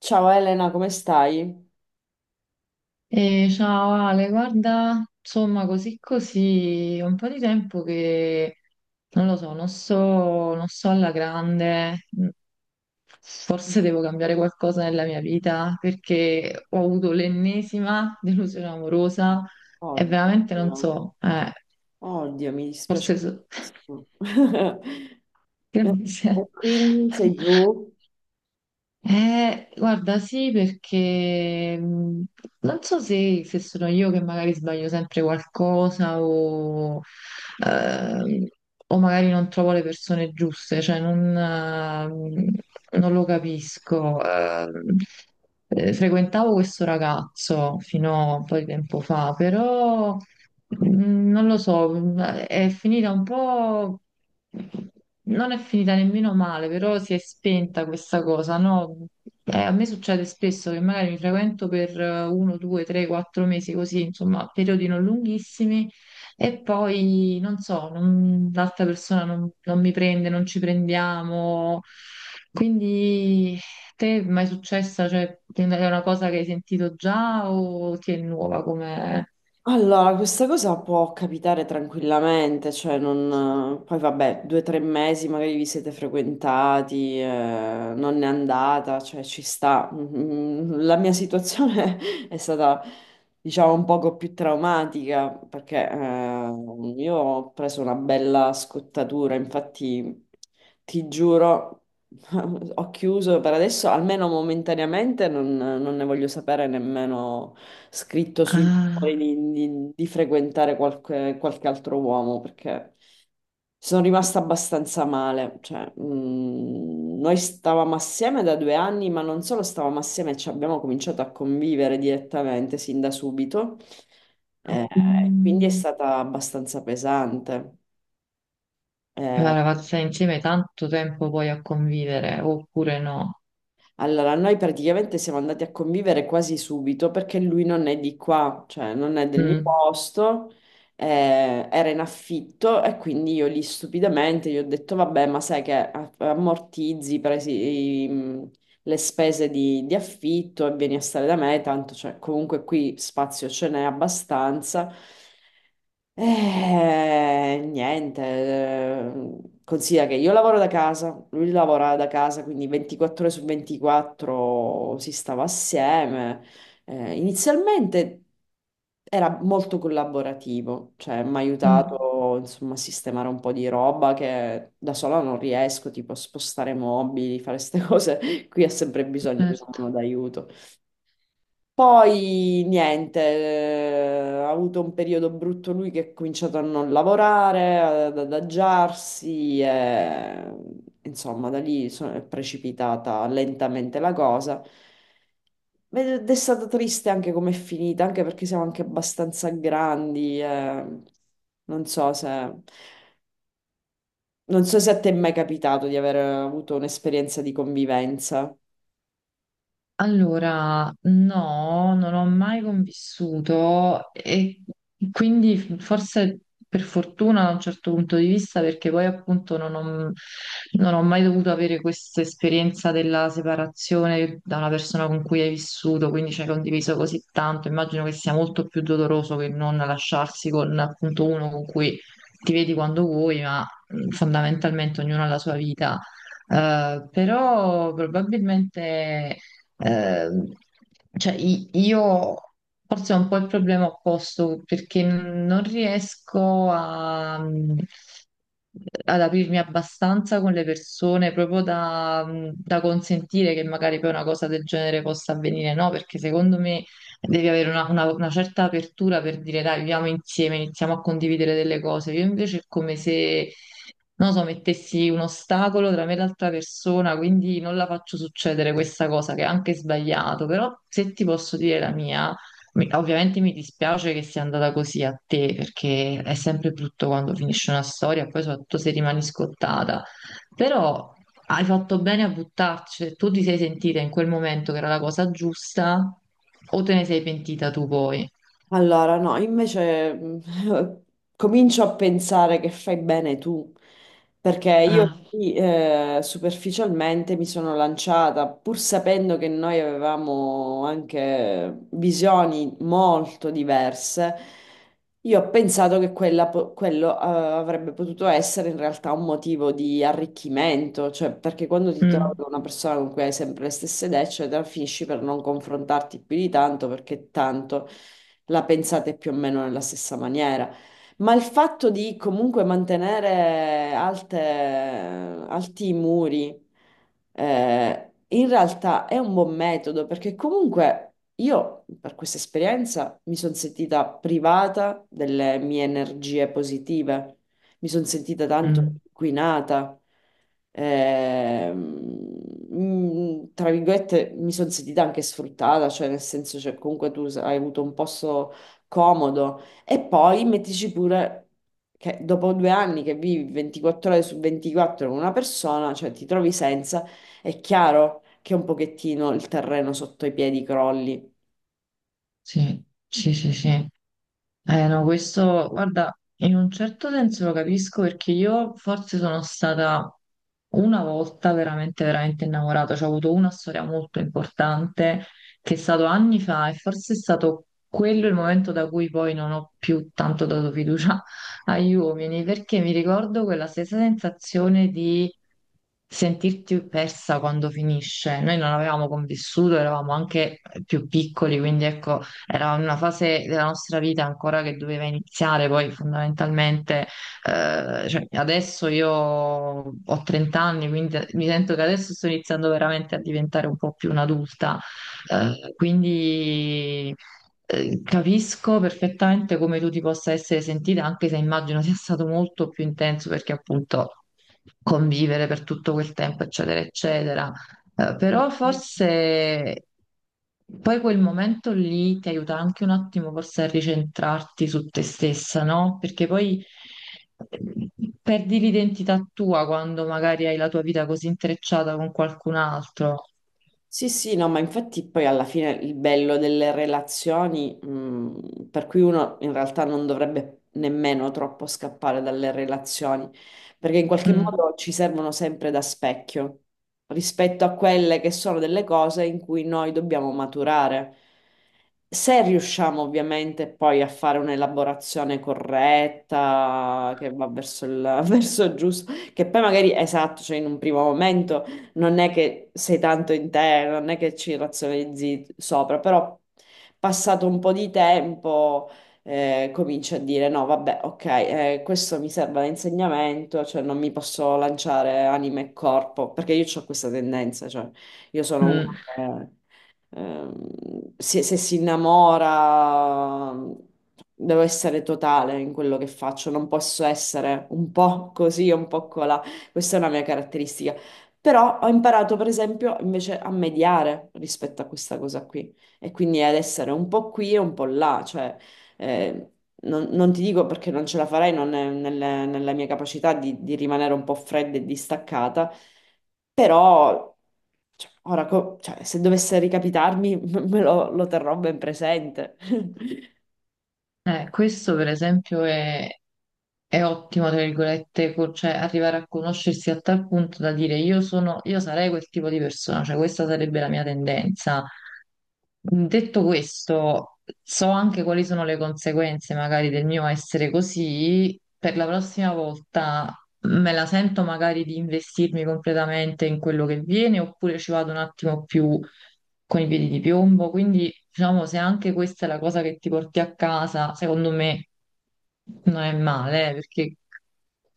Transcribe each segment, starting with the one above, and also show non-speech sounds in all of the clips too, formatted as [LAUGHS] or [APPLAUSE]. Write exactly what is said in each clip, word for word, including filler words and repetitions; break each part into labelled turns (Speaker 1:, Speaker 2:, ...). Speaker 1: Ciao Elena, come stai?
Speaker 2: Eh, ciao Ale, guarda, insomma, così così, è un po' di tempo che non lo so, non so, non so alla grande, mm, forse devo cambiare qualcosa nella mia vita perché ho avuto l'ennesima [LAUGHS] delusione amorosa e veramente non
Speaker 1: Oddio,
Speaker 2: so, eh,
Speaker 1: oddio, mi dispiace
Speaker 2: forse so-
Speaker 1: tantissimo. [LAUGHS]
Speaker 2: [LAUGHS]
Speaker 1: E
Speaker 2: Grazie.
Speaker 1: quindi sei giù?
Speaker 2: Eh, guarda, sì, perché mh, non so se, se sono io che magari sbaglio sempre qualcosa o, ehm, o magari non trovo le persone giuste, cioè non, ehm, non lo capisco. Ehm, eh, frequentavo questo ragazzo fino a un po' di tempo fa, però. Mm, Non lo so, è finita un po', non è finita nemmeno male, però si è spenta questa cosa, no? Eh, a me succede spesso che magari mi frequento per eh, uno, due, tre, quattro mesi così, insomma, periodi non lunghissimi e poi, non so, non- l'altra persona non, non mi prende, non ci prendiamo. Quindi, te è mai successa? Cioè, è una cosa che hai sentito già o ti è nuova come?
Speaker 1: Allora, questa cosa può capitare tranquillamente, cioè non... Poi vabbè, due o tre mesi magari vi siete frequentati, eh, non è andata, cioè ci sta. Mm, la mia situazione [LAUGHS] è stata, diciamo, un poco più traumatica perché eh, io ho preso una bella scottatura, infatti ti giuro. [LAUGHS] Ho chiuso per adesso, almeno momentaneamente, non, non ne voglio sapere nemmeno scritto sui
Speaker 2: Ah.
Speaker 1: muri di, di- di frequentare qualche, qualche altro uomo perché sono rimasta abbastanza male. Cioè, mm, noi stavamo assieme da due anni, ma non solo stavamo assieme, ci abbiamo cominciato a convivere direttamente sin da subito. Eh, quindi è
Speaker 2: Mm.
Speaker 1: stata abbastanza pesante. Eh,
Speaker 2: La ragazza insieme tanto tempo poi a convivere, oppure no?
Speaker 1: Allora, noi praticamente siamo andati a convivere quasi subito perché lui non è di qua, cioè non è del mio
Speaker 2: Mm.
Speaker 1: posto, eh, era in affitto e quindi io lì stupidamente gli ho detto, vabbè, ma sai che a- ammortizzi presi, i- le spese di, di affitto e vieni a stare da me, tanto cioè, comunque qui spazio ce n'è abbastanza. Eh, niente, eh, considera che io lavoro da casa, lui lavora da casa, quindi ventiquattro ore su ventiquattro si stava assieme. Eh, inizialmente era molto collaborativo, cioè mi ha
Speaker 2: Mm,
Speaker 1: aiutato insomma a sistemare un po' di roba che da sola non riesco, tipo a spostare mobili, fare queste cose. [LAUGHS] Qui ha sempre bisogno di una
Speaker 2: certo.
Speaker 1: mano d'aiuto. Poi niente, eh, ha avuto un periodo brutto lui che ha cominciato a non lavorare, ad adagiarsi, e, insomma da lì so- è precipitata lentamente la cosa. Ed è stata triste anche come è finita, anche perché siamo anche abbastanza grandi. Eh. Non so se... non so se a te è mai capitato di aver avuto un'esperienza di convivenza.
Speaker 2: Allora, no, non ho mai convissuto e quindi forse per fortuna da un certo punto di vista, perché poi appunto non ho, non ho mai dovuto avere questa esperienza della separazione da una persona con cui hai vissuto, quindi ci hai condiviso così tanto, immagino che sia molto più doloroso che non lasciarsi con appunto uno con cui ti vedi quando vuoi, ma mh, fondamentalmente ognuno ha la sua vita. Eh, però probabilmente, Ehm, cioè, i- io forse ho un po' il problema opposto perché non riesco a, ad aprirmi abbastanza con le persone proprio da, da consentire che magari poi una cosa del genere possa avvenire, no? Perché secondo me devi avere una, una- una certa apertura per dire dai, viviamo insieme, iniziamo a condividere delle cose. Io invece è come se, non so, mettessi un ostacolo tra me e l'altra persona, quindi non la faccio succedere questa cosa che è anche sbagliato, però se ti posso dire la mia, mi- ovviamente mi dispiace che sia andata così a te, perché è sempre brutto quando finisce una storia, poi soprattutto se rimani scottata. Però hai fatto bene a buttarci, se tu ti sei sentita in quel momento che era la cosa giusta, o te ne sei pentita tu poi?
Speaker 1: Allora, no, invece mm, [LAUGHS] comincio a pensare che fai bene tu, perché io
Speaker 2: Ah,
Speaker 1: lì, eh, superficialmente mi sono lanciata, pur sapendo che noi avevamo anche visioni molto diverse, io ho pensato che quella po- quello, eh, avrebbe potuto essere in realtà un motivo di arricchimento, cioè perché quando ti trovi
Speaker 2: mm,
Speaker 1: con una persona con cui hai sempre le stesse idee, eccetera, finisci per non confrontarti più di tanto perché tanto la pensate più o meno nella stessa maniera. Ma il fatto di comunque mantenere alte- alti i muri, eh, in realtà è un buon metodo perché comunque io per questa esperienza mi sono sentita privata delle mie energie positive, mi sono sentita tanto
Speaker 2: mm,
Speaker 1: inquinata, ehm, mm, tra virgolette mi sono sentita anche sfruttata, cioè nel senso cioè, comunque tu s- hai avuto un posto comodo e poi mettici pure che dopo due anni che vivi ventiquattro ore su ventiquattro con una persona, cioè ti trovi senza, è chiaro che un pochettino il terreno sotto i piedi crolli.
Speaker 2: sì, sì, sì, sì. Eh no, questo, guarda, in un certo senso lo capisco perché io forse sono stata una volta veramente, veramente innamorata, cioè ho avuto una storia molto importante che è stato anni fa e forse è stato quello il momento da cui poi non ho più tanto dato fiducia [LAUGHS] agli uomini, perché mi ricordo quella stessa sensazione di sentirti persa quando finisce. Noi non avevamo convissuto, eravamo anche più piccoli, quindi ecco, era una fase della nostra vita ancora che doveva iniziare, poi fondamentalmente, eh, cioè, adesso io ho trenta anni, quindi mi sento che adesso sto iniziando veramente a diventare un po' più un'adulta, eh, quindi. eh, Capisco perfettamente come tu ti possa essere sentita, anche se immagino sia stato molto più intenso perché appunto convivere per tutto quel tempo, eccetera, eccetera. Eh, Però forse poi quel momento lì ti aiuta anche un attimo forse a ricentrarti su te stessa, no? Perché poi eh, perdi l'identità tua quando magari hai la tua vita così intrecciata con qualcun altro.
Speaker 1: Sì, sì, no, ma infatti poi alla fine il bello delle relazioni, mh, per cui uno in realtà non dovrebbe nemmeno troppo scappare dalle relazioni, perché in qualche
Speaker 2: Mm,
Speaker 1: modo ci servono sempre da specchio rispetto a quelle che sono delle cose in cui noi dobbiamo maturare. Se riusciamo ovviamente poi a fare un'elaborazione corretta che va verso il, [LAUGHS] verso il giusto, che poi magari esatto, cioè in un primo momento non è che sei tanto in te, non è che ci razionalizzi sopra, però passato un po' di tempo eh, cominci a dire no, vabbè, ok, eh, questo mi serve da insegnamento, cioè non mi posso lanciare anima e corpo, perché io ho questa tendenza, cioè io sono
Speaker 2: mm.
Speaker 1: una... eh, ehm, se, se si innamora, devo essere totale in quello che faccio, non posso essere un po' così o un po' colà. Questa è una mia caratteristica. Però ho imparato, per esempio, invece a mediare rispetto a questa cosa qui e quindi ad essere un po' qui e un po' là, cioè eh, non, non ti dico perché non ce la farei, non è nelle- nella mia capacità di, di rimanere un po' fredda e distaccata, però cioè, ora, co- cioè, se dovesse ricapitarmi, [LAUGHS] me lo, lo terrò ben presente. [LAUGHS]
Speaker 2: Eh, questo per esempio è, è ottimo, tra virgolette, co- cioè arrivare a conoscersi a tal punto da dire io sono, io sarei quel tipo di persona, cioè questa sarebbe la mia tendenza. Mm, Detto questo, so anche quali sono le conseguenze magari del mio essere così, per la prossima volta me la sento magari di investirmi completamente in quello che viene oppure ci vado un attimo più con i piedi di piombo. Quindi, diciamo, se anche questa è la cosa che ti porti a casa, secondo me non è male, eh, perché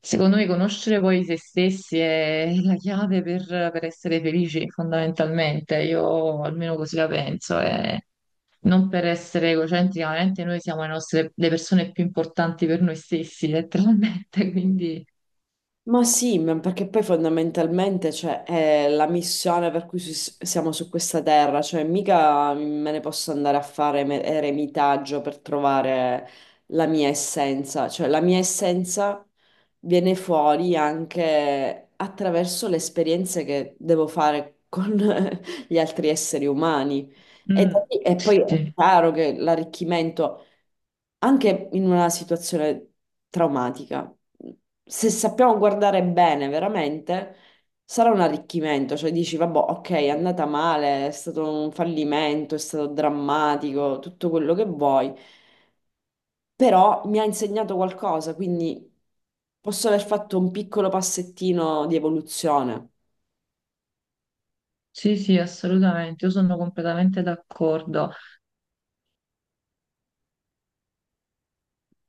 Speaker 2: secondo me conoscere poi se stessi è la chiave per, per essere felici, fondamentalmente. Io almeno così la penso. E... Non per essere egocentrica, veramente noi siamo le nostre- le persone più importanti per noi stessi, letteralmente, [LAUGHS] quindi.
Speaker 1: Ma sì, ma perché poi fondamentalmente cioè, è la missione per cui si- siamo su questa terra, cioè mica me ne posso andare a fare me- eremitaggio per trovare la mia essenza, cioè la mia essenza viene fuori anche attraverso le esperienze che devo fare con [LAUGHS] gli altri esseri umani. E, da
Speaker 2: Mm,
Speaker 1: lì- e
Speaker 2: sì,
Speaker 1: poi è
Speaker 2: sì,
Speaker 1: chiaro che l'arricchimento anche in una situazione traumatica, se sappiamo guardare bene veramente, sarà un arricchimento, cioè dici, vabbè, ok, è andata male, è stato un fallimento, è stato drammatico, tutto quello che vuoi, però mi ha insegnato qualcosa, quindi posso aver fatto un piccolo passettino di evoluzione.
Speaker 2: sì, sì, assolutamente, io sono completamente d'accordo.